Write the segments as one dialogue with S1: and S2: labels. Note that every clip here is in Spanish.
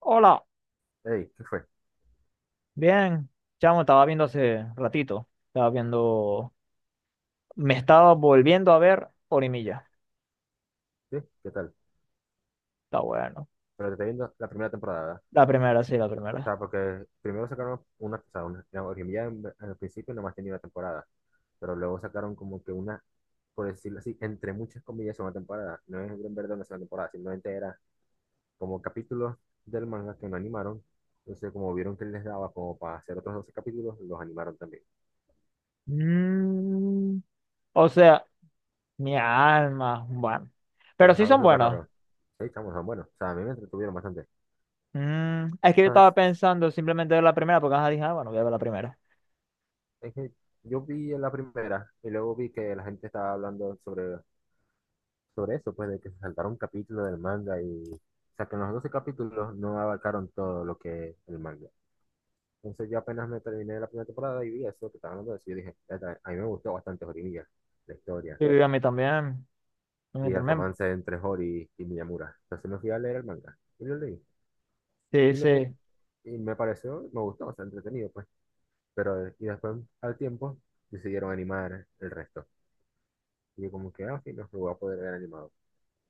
S1: Hola,
S2: Hey, ¿qué fue?
S1: bien, chamo, estaba viendo hace ratito, me estaba volviendo a ver Orimilla,
S2: ¿Sí? ¿Qué tal?
S1: está bueno,
S2: Pero te estoy viendo la primera temporada, ¿verdad?
S1: la primera, sí, la
S2: O
S1: primera.
S2: sea, porque primero sacaron una, o sea, una, la Orquídea en el principio nomás tenía una temporada, pero luego sacaron como que una, por decirlo así, entre muchas comillas, una temporada. No es en verdad una sola temporada, simplemente era como capítulos del manga que no animaron. Entonces, como vieron que les daba como para hacer otros 12 capítulos, los animaron también.
S1: Mm, o sea, mi alma, bueno,
S2: Sí,
S1: pero
S2: es
S1: sí
S2: algo
S1: son
S2: súper
S1: buenos.
S2: raro. Sí, chamos, son buenos. O sea, a mí me entretuvieron bastante. O
S1: Es que yo
S2: sea,
S1: estaba
S2: es
S1: pensando simplemente ver la primera, porque ajá, dije, ah, bueno, voy a ver la primera.
S2: es que yo vi la primera y luego vi que la gente estaba hablando sobre eso, pues de que se saltaron un capítulo del manga y, o sea, que en los 12 capítulos no abarcaron todo lo que es el manga. Entonces yo apenas me terminé la primera temporada y vi eso que estaban hablando de eso, yo dije, "Eta, a mí me gustó bastante Horimiya, la historia,
S1: Y a
S2: y
S1: mí
S2: el
S1: también,
S2: romance entre Hori y Miyamura". Entonces me fui a leer el manga y lo leí.
S1: sí,
S2: Y, lo,
S1: sí.
S2: y me pareció, me gustó, o sea, entretenido, pues. Pero, y después, al tiempo, decidieron animar el resto. Y yo como que, ah, sí, no, lo voy a poder ver animado.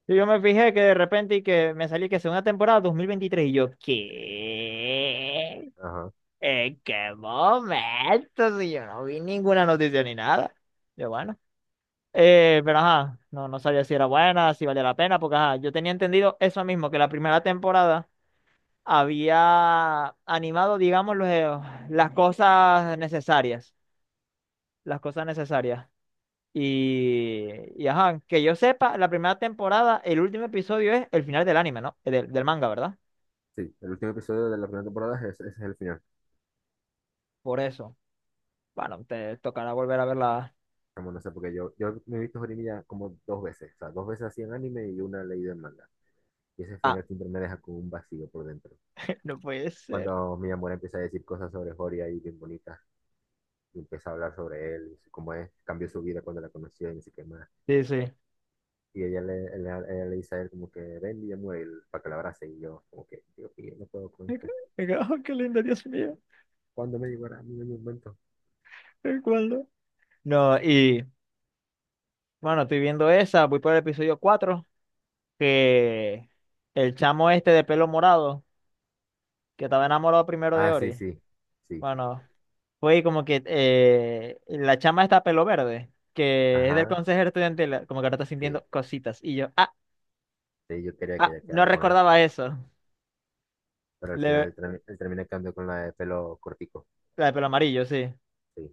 S1: Y yo me fijé que de repente y que me salí que segunda temporada 2023 y yo, ¿qué?
S2: Ajá,
S1: ¿En qué momento? Si yo no vi ninguna noticia ni nada. Yo, bueno. Pero ajá, no, no sabía si era buena, si valía la pena, porque ajá, yo tenía entendido eso mismo, que la primera temporada había animado, digamos, las cosas necesarias. Las cosas necesarias. Y, y ajá, que yo sepa, la primera temporada, el último episodio es el final del anime, ¿no? Del manga, ¿verdad?
S2: sí, el último episodio de la primera temporada es, ese es el final.
S1: Por eso. Bueno, te tocará volver a verla.
S2: Como no sé, porque yo me he visto Horimiya como 2 veces, o sea, 2 veces así en anime y una leído en manga. Y ese
S1: Ah,
S2: final siempre me deja con un vacío por dentro.
S1: no puede ser.
S2: Cuando mi amor empieza a decir cosas sobre Hori ahí bien bonitas, y empieza a hablar sobre él, y cómo es, cambió su vida cuando la conoció y ni sé qué más.
S1: Sí, sí.
S2: Y ella le, él- ella le dice a él como que ven y muere para que la abrace. Y yo como que, Dios mío, no puedo con esto.
S1: Me quedo, oh, qué lindo, Dios mío.
S2: ¿Cuándo me llegará mi momento?
S1: ¿El cuándo? No, y bueno, estoy viendo esa, voy por el episodio 4 que el chamo este de pelo morado, que estaba enamorado primero de
S2: Ah, sí,
S1: Ori,
S2: sí, sí,
S1: bueno, fue como que la chama está pelo verde, que es del
S2: ajá,
S1: consejero estudiantil, como que ahora está
S2: sí.
S1: sintiendo cositas, y yo, ah,
S2: Sí, yo quería que
S1: ah,
S2: ella
S1: no
S2: quedara con él,
S1: recordaba eso.
S2: pero al final
S1: Le-
S2: él termina quedando con la de pelo cortico.
S1: la de pelo amarillo, sí,
S2: Sí.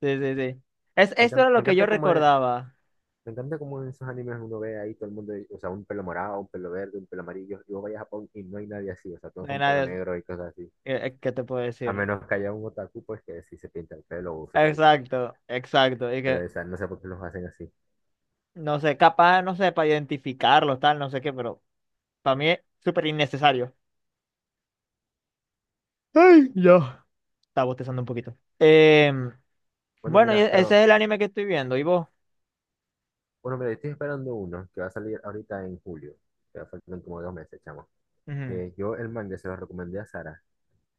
S1: sí, sí, sí. Es, esto era lo
S2: Me
S1: que yo
S2: encanta como,
S1: recordaba,
S2: me encanta como en esos animes uno ve ahí todo el mundo, o sea, un pelo morado, un pelo verde, un pelo amarillo, y vos vayas a Japón y no hay nadie así, o sea, todos
S1: no hay
S2: son pelo
S1: nada,
S2: negro y cosas así.
S1: ¿qué te puedo
S2: A
S1: decir?
S2: menos que haya un otaku, pues que sí se pinta el pelo o su peluca.
S1: Exacto, exacto. Y
S2: Pero,
S1: que
S2: o sea, no sé por qué los hacen así.
S1: no sé, capaz, no sé, para identificarlos, tal, no sé qué, pero para mí es súper innecesario. Ay, ya. Estaba bostezando un poquito.
S2: Bueno,
S1: Bueno, y
S2: mira,
S1: ese es
S2: pero,
S1: el anime que estoy viendo. ¿Y vos?
S2: bueno, mira, yo estoy esperando uno que va a salir ahorita en julio, que va a faltar como 2 meses, chamo.
S1: Ujú.
S2: Que yo el manga se lo recomendé a Sara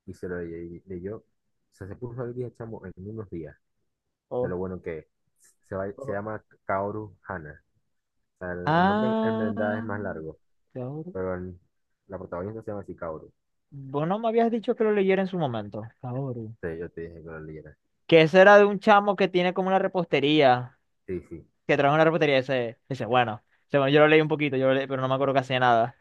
S2: y se lo ley- leyó, o sea, se puso al día, chamo, en unos días, de
S1: Oh,
S2: lo bueno que es. Se
S1: oh.
S2: llama Kaoru Hana. Sea, el nombre en verdad es
S1: Ah,
S2: más largo,
S1: Kaoru.
S2: pero la protagonista se llama Sikaoru.
S1: Vos no me habías dicho que lo leyera en su momento. Kaoru.
S2: Sí, yo te dije que lo leyeras.
S1: Que ese era de un chamo que tiene como una repostería.
S2: Sí, sí,
S1: Que trabaja en una repostería. Ese, bueno. Ese, bueno, yo lo leí un poquito, yo lo leí, pero no me acuerdo casi de nada.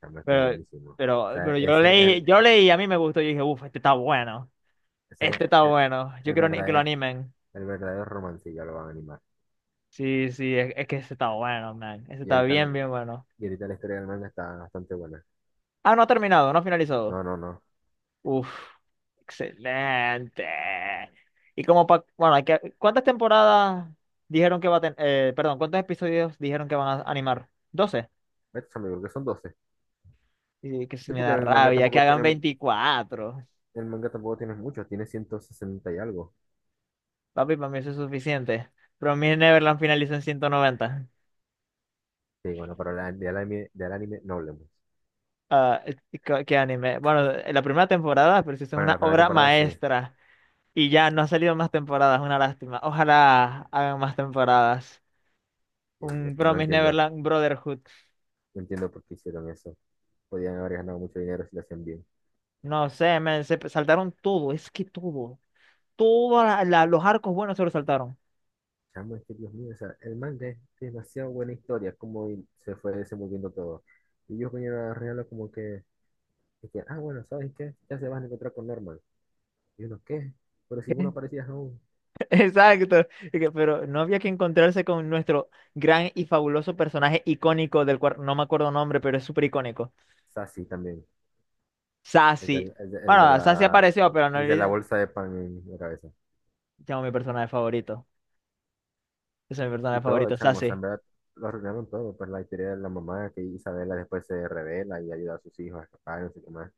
S2: también que es
S1: Pero,
S2: buenísimo. O
S1: pero,
S2: sea,
S1: pero yo lo leí, yo leí y a mí me gustó. Yo dije, uff, este está bueno.
S2: ese es
S1: Este está
S2: el,
S1: bueno. Yo
S2: el
S1: quiero ni- que lo
S2: verdadero,
S1: animen.
S2: el verdadero romance, ya lo van a animar.
S1: Sí, sí, es que este está bueno, man. Este
S2: Y
S1: está
S2: ahorita,
S1: bien, bien bueno.
S2: y ahorita la historia del manga está bastante buena.
S1: Ah, no ha terminado, no ha finalizado.
S2: No, no, no.
S1: Uff, excelente. Y como pa, bueno, hay que, ¿cuántas temporadas dijeron que va a tener? Perdón, ¿cuántos episodios dijeron que van a animar? 12.
S2: Yo creo que son 12.
S1: Y que se
S2: Sí,
S1: me
S2: porque
S1: da
S2: el manga
S1: rabia, que
S2: tampoco
S1: hagan
S2: tiene,
S1: 24.
S2: el manga tampoco tiene muchos, tiene 160 y algo.
S1: Papi, para mí eso es suficiente. Pero mi Neverland finalizó en 190.
S2: Sí, bueno, pero del anime no hablemos.
S1: Ah, ¿qué anime? Bueno, la primera temporada, pero sí es
S2: Bueno, la
S1: una
S2: primera
S1: obra
S2: temporada sí.
S1: maestra y ya no ha salido más temporadas, una lástima. Ojalá hagan más temporadas.
S2: Dios mío,
S1: Un
S2: no
S1: Promise
S2: entiendo,
S1: Neverland Brotherhood.
S2: no entiendo por qué hicieron eso. Podían haber ganado mucho dinero si lo hacían bien.
S1: No sé, men, se saltaron todo, es que todo. Todos los arcos buenos se los saltaron.
S2: Chamo, es que Dios mío, o sea, el manga es demasiado buena historia, como y se fue desenvolviendo todo. Y ellos vinieron a arreglarlo como que, de que, ah, bueno, ¿sabes qué? Ya se van a encontrar con Norman. Y uno, ¿qué? Pero si
S1: ¿Qué?
S2: uno parecía aún.
S1: Exacto. Pero no había que encontrarse con nuestro gran y fabuloso personaje icónico del cual no me acuerdo nombre, pero es súper icónico.
S2: Sassy también, el
S1: Sassy.
S2: del-
S1: Bueno, Sassy apareció, pero no
S2: el de la
S1: le
S2: bolsa de pan en la cabeza.
S1: llamo mi personaje favorito. Esa es mi personaje
S2: Y todo,
S1: favorito,
S2: chamo, o sea,
S1: Sase.
S2: en verdad, lo arruinaron todo, pues la historia de la mamá, que Isabela después se revela y ayuda a sus hijos a escapar, no sé qué más.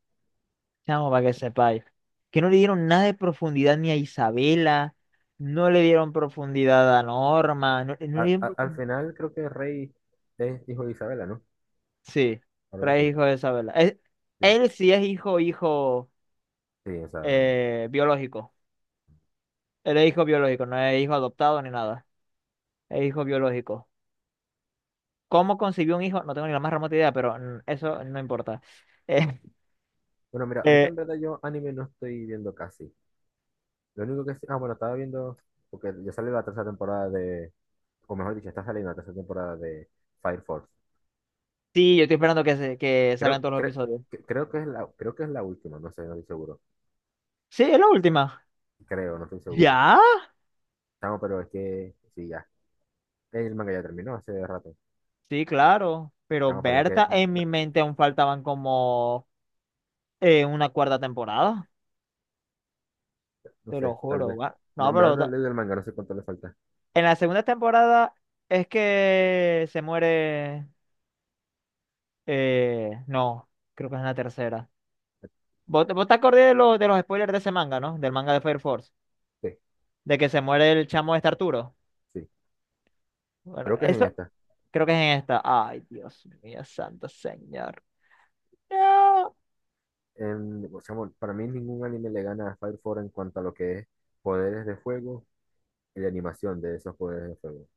S1: Chamo, para que sepáis. Que no le dieron nada de profundidad ni a Isabela. No le dieron profundidad a Norma. No, no le
S2: A-
S1: dieron
S2: a- al
S1: profu-
S2: final creo que el rey es hijo de Isabela, ¿no?
S1: Sí,
S2: Algo
S1: trae
S2: así.
S1: hijo de Isabela. Es-
S2: Sí,
S1: él sí es hijo, hijo
S2: sí, o sea.
S1: eh, biológico. Él es hijo biológico, no es hijo adoptado ni nada. Es hijo biológico. ¿Cómo concibió un hijo? No tengo ni la más remota idea, pero eso no importa. Eh,
S2: Bueno, mira, ahorita
S1: eh,
S2: en verdad yo anime no estoy viendo casi. Lo único que sí. Ah, bueno, estaba viendo. Porque ya sale la tercera temporada de. O mejor dicho, está saliendo la tercera temporada de Fire Force.
S1: sí, yo estoy esperando que salgan
S2: Creo,
S1: todos los
S2: cre-
S1: episodios.
S2: creo que es la última, no sé, no estoy seguro.
S1: Sí, es la última.
S2: Creo, no estoy seguro.
S1: ¿Ya?
S2: Chamo, pero es que. Sí, ya. El manga ya terminó hace rato.
S1: Sí, claro, pero
S2: Chamo, pero es que.
S1: Berta, en
S2: No,
S1: mi mente aún faltaban como una cuarta temporada,
S2: no
S1: te lo
S2: sé, tal
S1: juro,
S2: vez.
S1: va.
S2: No,
S1: No,
S2: en verdad
S1: pero
S2: no he leído el manga, no sé cuánto le falta.
S1: en la segunda temporada es que se muere, no, creo que es en la tercera. ¿Vos, vos te acordás de, los spoilers de ese manga, ¿no? Del manga de Fire Force,
S2: Sí,
S1: de que se muere el chamo este Arturo.
S2: sí.
S1: Bueno,
S2: Creo que es en
S1: eso
S2: esta.
S1: creo que es en esta. Ay, Dios mío, santo señor. No.
S2: O sea, bueno, para mí ningún anime le gana a Fire Force en cuanto a lo que es poderes de fuego y la animación de esos poderes de fuego.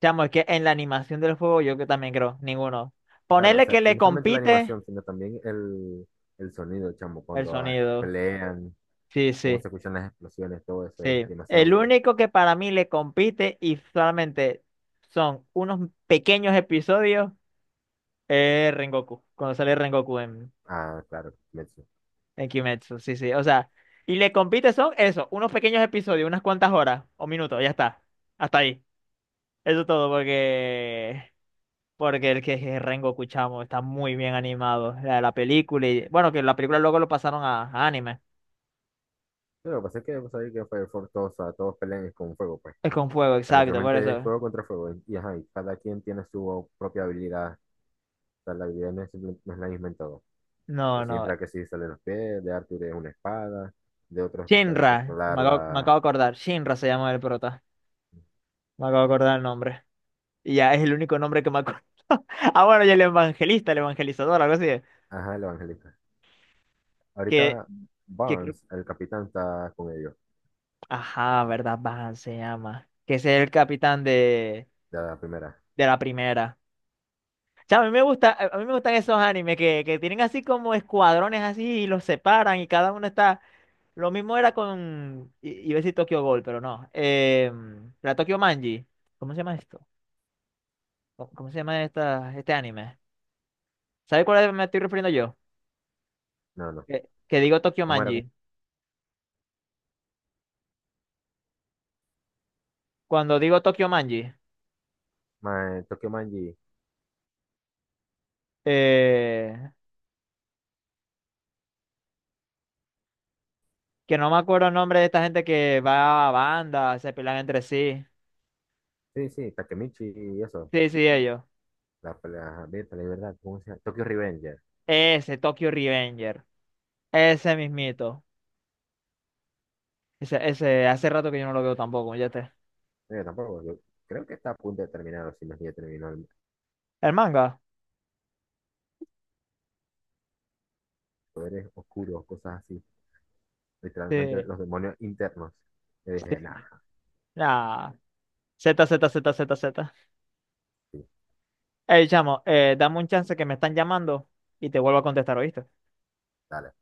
S1: Chamo, es que en la animación del juego yo que también creo, ninguno.
S2: Claro, o
S1: Ponerle que
S2: sea, y
S1: le
S2: no solamente la
S1: compite
S2: animación, sino también el sonido, chamo,
S1: el
S2: cuando
S1: sonido.
S2: pelean,
S1: Sí,
S2: cómo
S1: sí,
S2: se escuchan las explosiones, todo eso
S1: sí.
S2: es demasiado
S1: El
S2: bello.
S1: único que para mí le compite y solamente son unos pequeños episodios es Rengoku, cuando sale Rengoku
S2: Ah, claro, Metsu.
S1: en Kimetsu. Sí, sí, o sea, y le compite son eso, unos pequeños episodios, unas cuantas horas o minutos, ya está. Hasta ahí. Eso es todo, porque el que es Rengoku, chamo, está muy bien animado. La película y... Bueno, que la película luego lo pasaron a, anime.
S2: Pero lo que pasa es que vos sabés que Fire Force todos, o sea, todos pelean con fuego, pues.
S1: Es con fuego,
S2: O sea,
S1: exacto, por
S2: literalmente es
S1: eso.
S2: fuego contra fuego. Y, ajá, y cada quien tiene su propia habilidad. O sea, la habilidad no es, simple- no es la misma en todo. De
S1: No, no.
S2: Shinra que sí sale los pies, de Arthur es una espada, de otros que pueden
S1: Shinra.
S2: controlar
S1: Me acabo, me
S2: la...
S1: acabo de acordar. Shinra se llama el prota. Me acabo de acordar el nombre. Y ya es el único nombre que me acuerdo. Ah, bueno, y el evangelista, el evangelizador, algo así.
S2: Ajá, el evangelista.
S1: Que,
S2: Ahorita
S1: que... creo-
S2: Barnes, el capitán, está con ellos,
S1: Ajá, ¿verdad? Van se llama. Que ese es el capitán de,
S2: de la primera.
S1: de la primera. Chao, a mí me gusta, a mí me gustan esos animes que tienen así como escuadrones así y los separan y cada uno está. Lo mismo era con. Iba a decir Tokyo Ghoul, pero no. La Tokyo Manji. ¿Cómo se llama esto? ¿Cómo se llama este anime? ¿Sabes cuál me estoy refiriendo yo?
S2: No, no.
S1: Que digo Tokyo
S2: ¿Cómo era? ¿Cómo?
S1: Manji. Cuando digo Tokyo Manji,
S2: Tokyo Manji.
S1: eh, que no me acuerdo el nombre de esta gente que va a bandas, se pelean entre sí.
S2: Sí, sí, Takemichi y eso.
S1: Sí, sí, ellos.
S2: La pelea abierta, la libertad. ¿Cómo se llama? Tokyo Revenger.
S1: Ese, Tokyo Revenger. Ese mismito. Ese, hace rato que yo no lo veo tampoco, ya te.
S2: No, yo tampoco. Yo creo que está a punto de terminar, o si no es que ya terminó.
S1: ¿El manga?
S2: Poderes oscuros, cosas así. Literalmente
S1: Sí,
S2: los demonios internos. Yo
S1: sí.
S2: dije, nah,
S1: Nah. Z, Z, Z, Z, Z.
S2: sí,
S1: Ey, chamo, dame un chance que me están llamando y te vuelvo a contestar, ¿oíste?
S2: dale.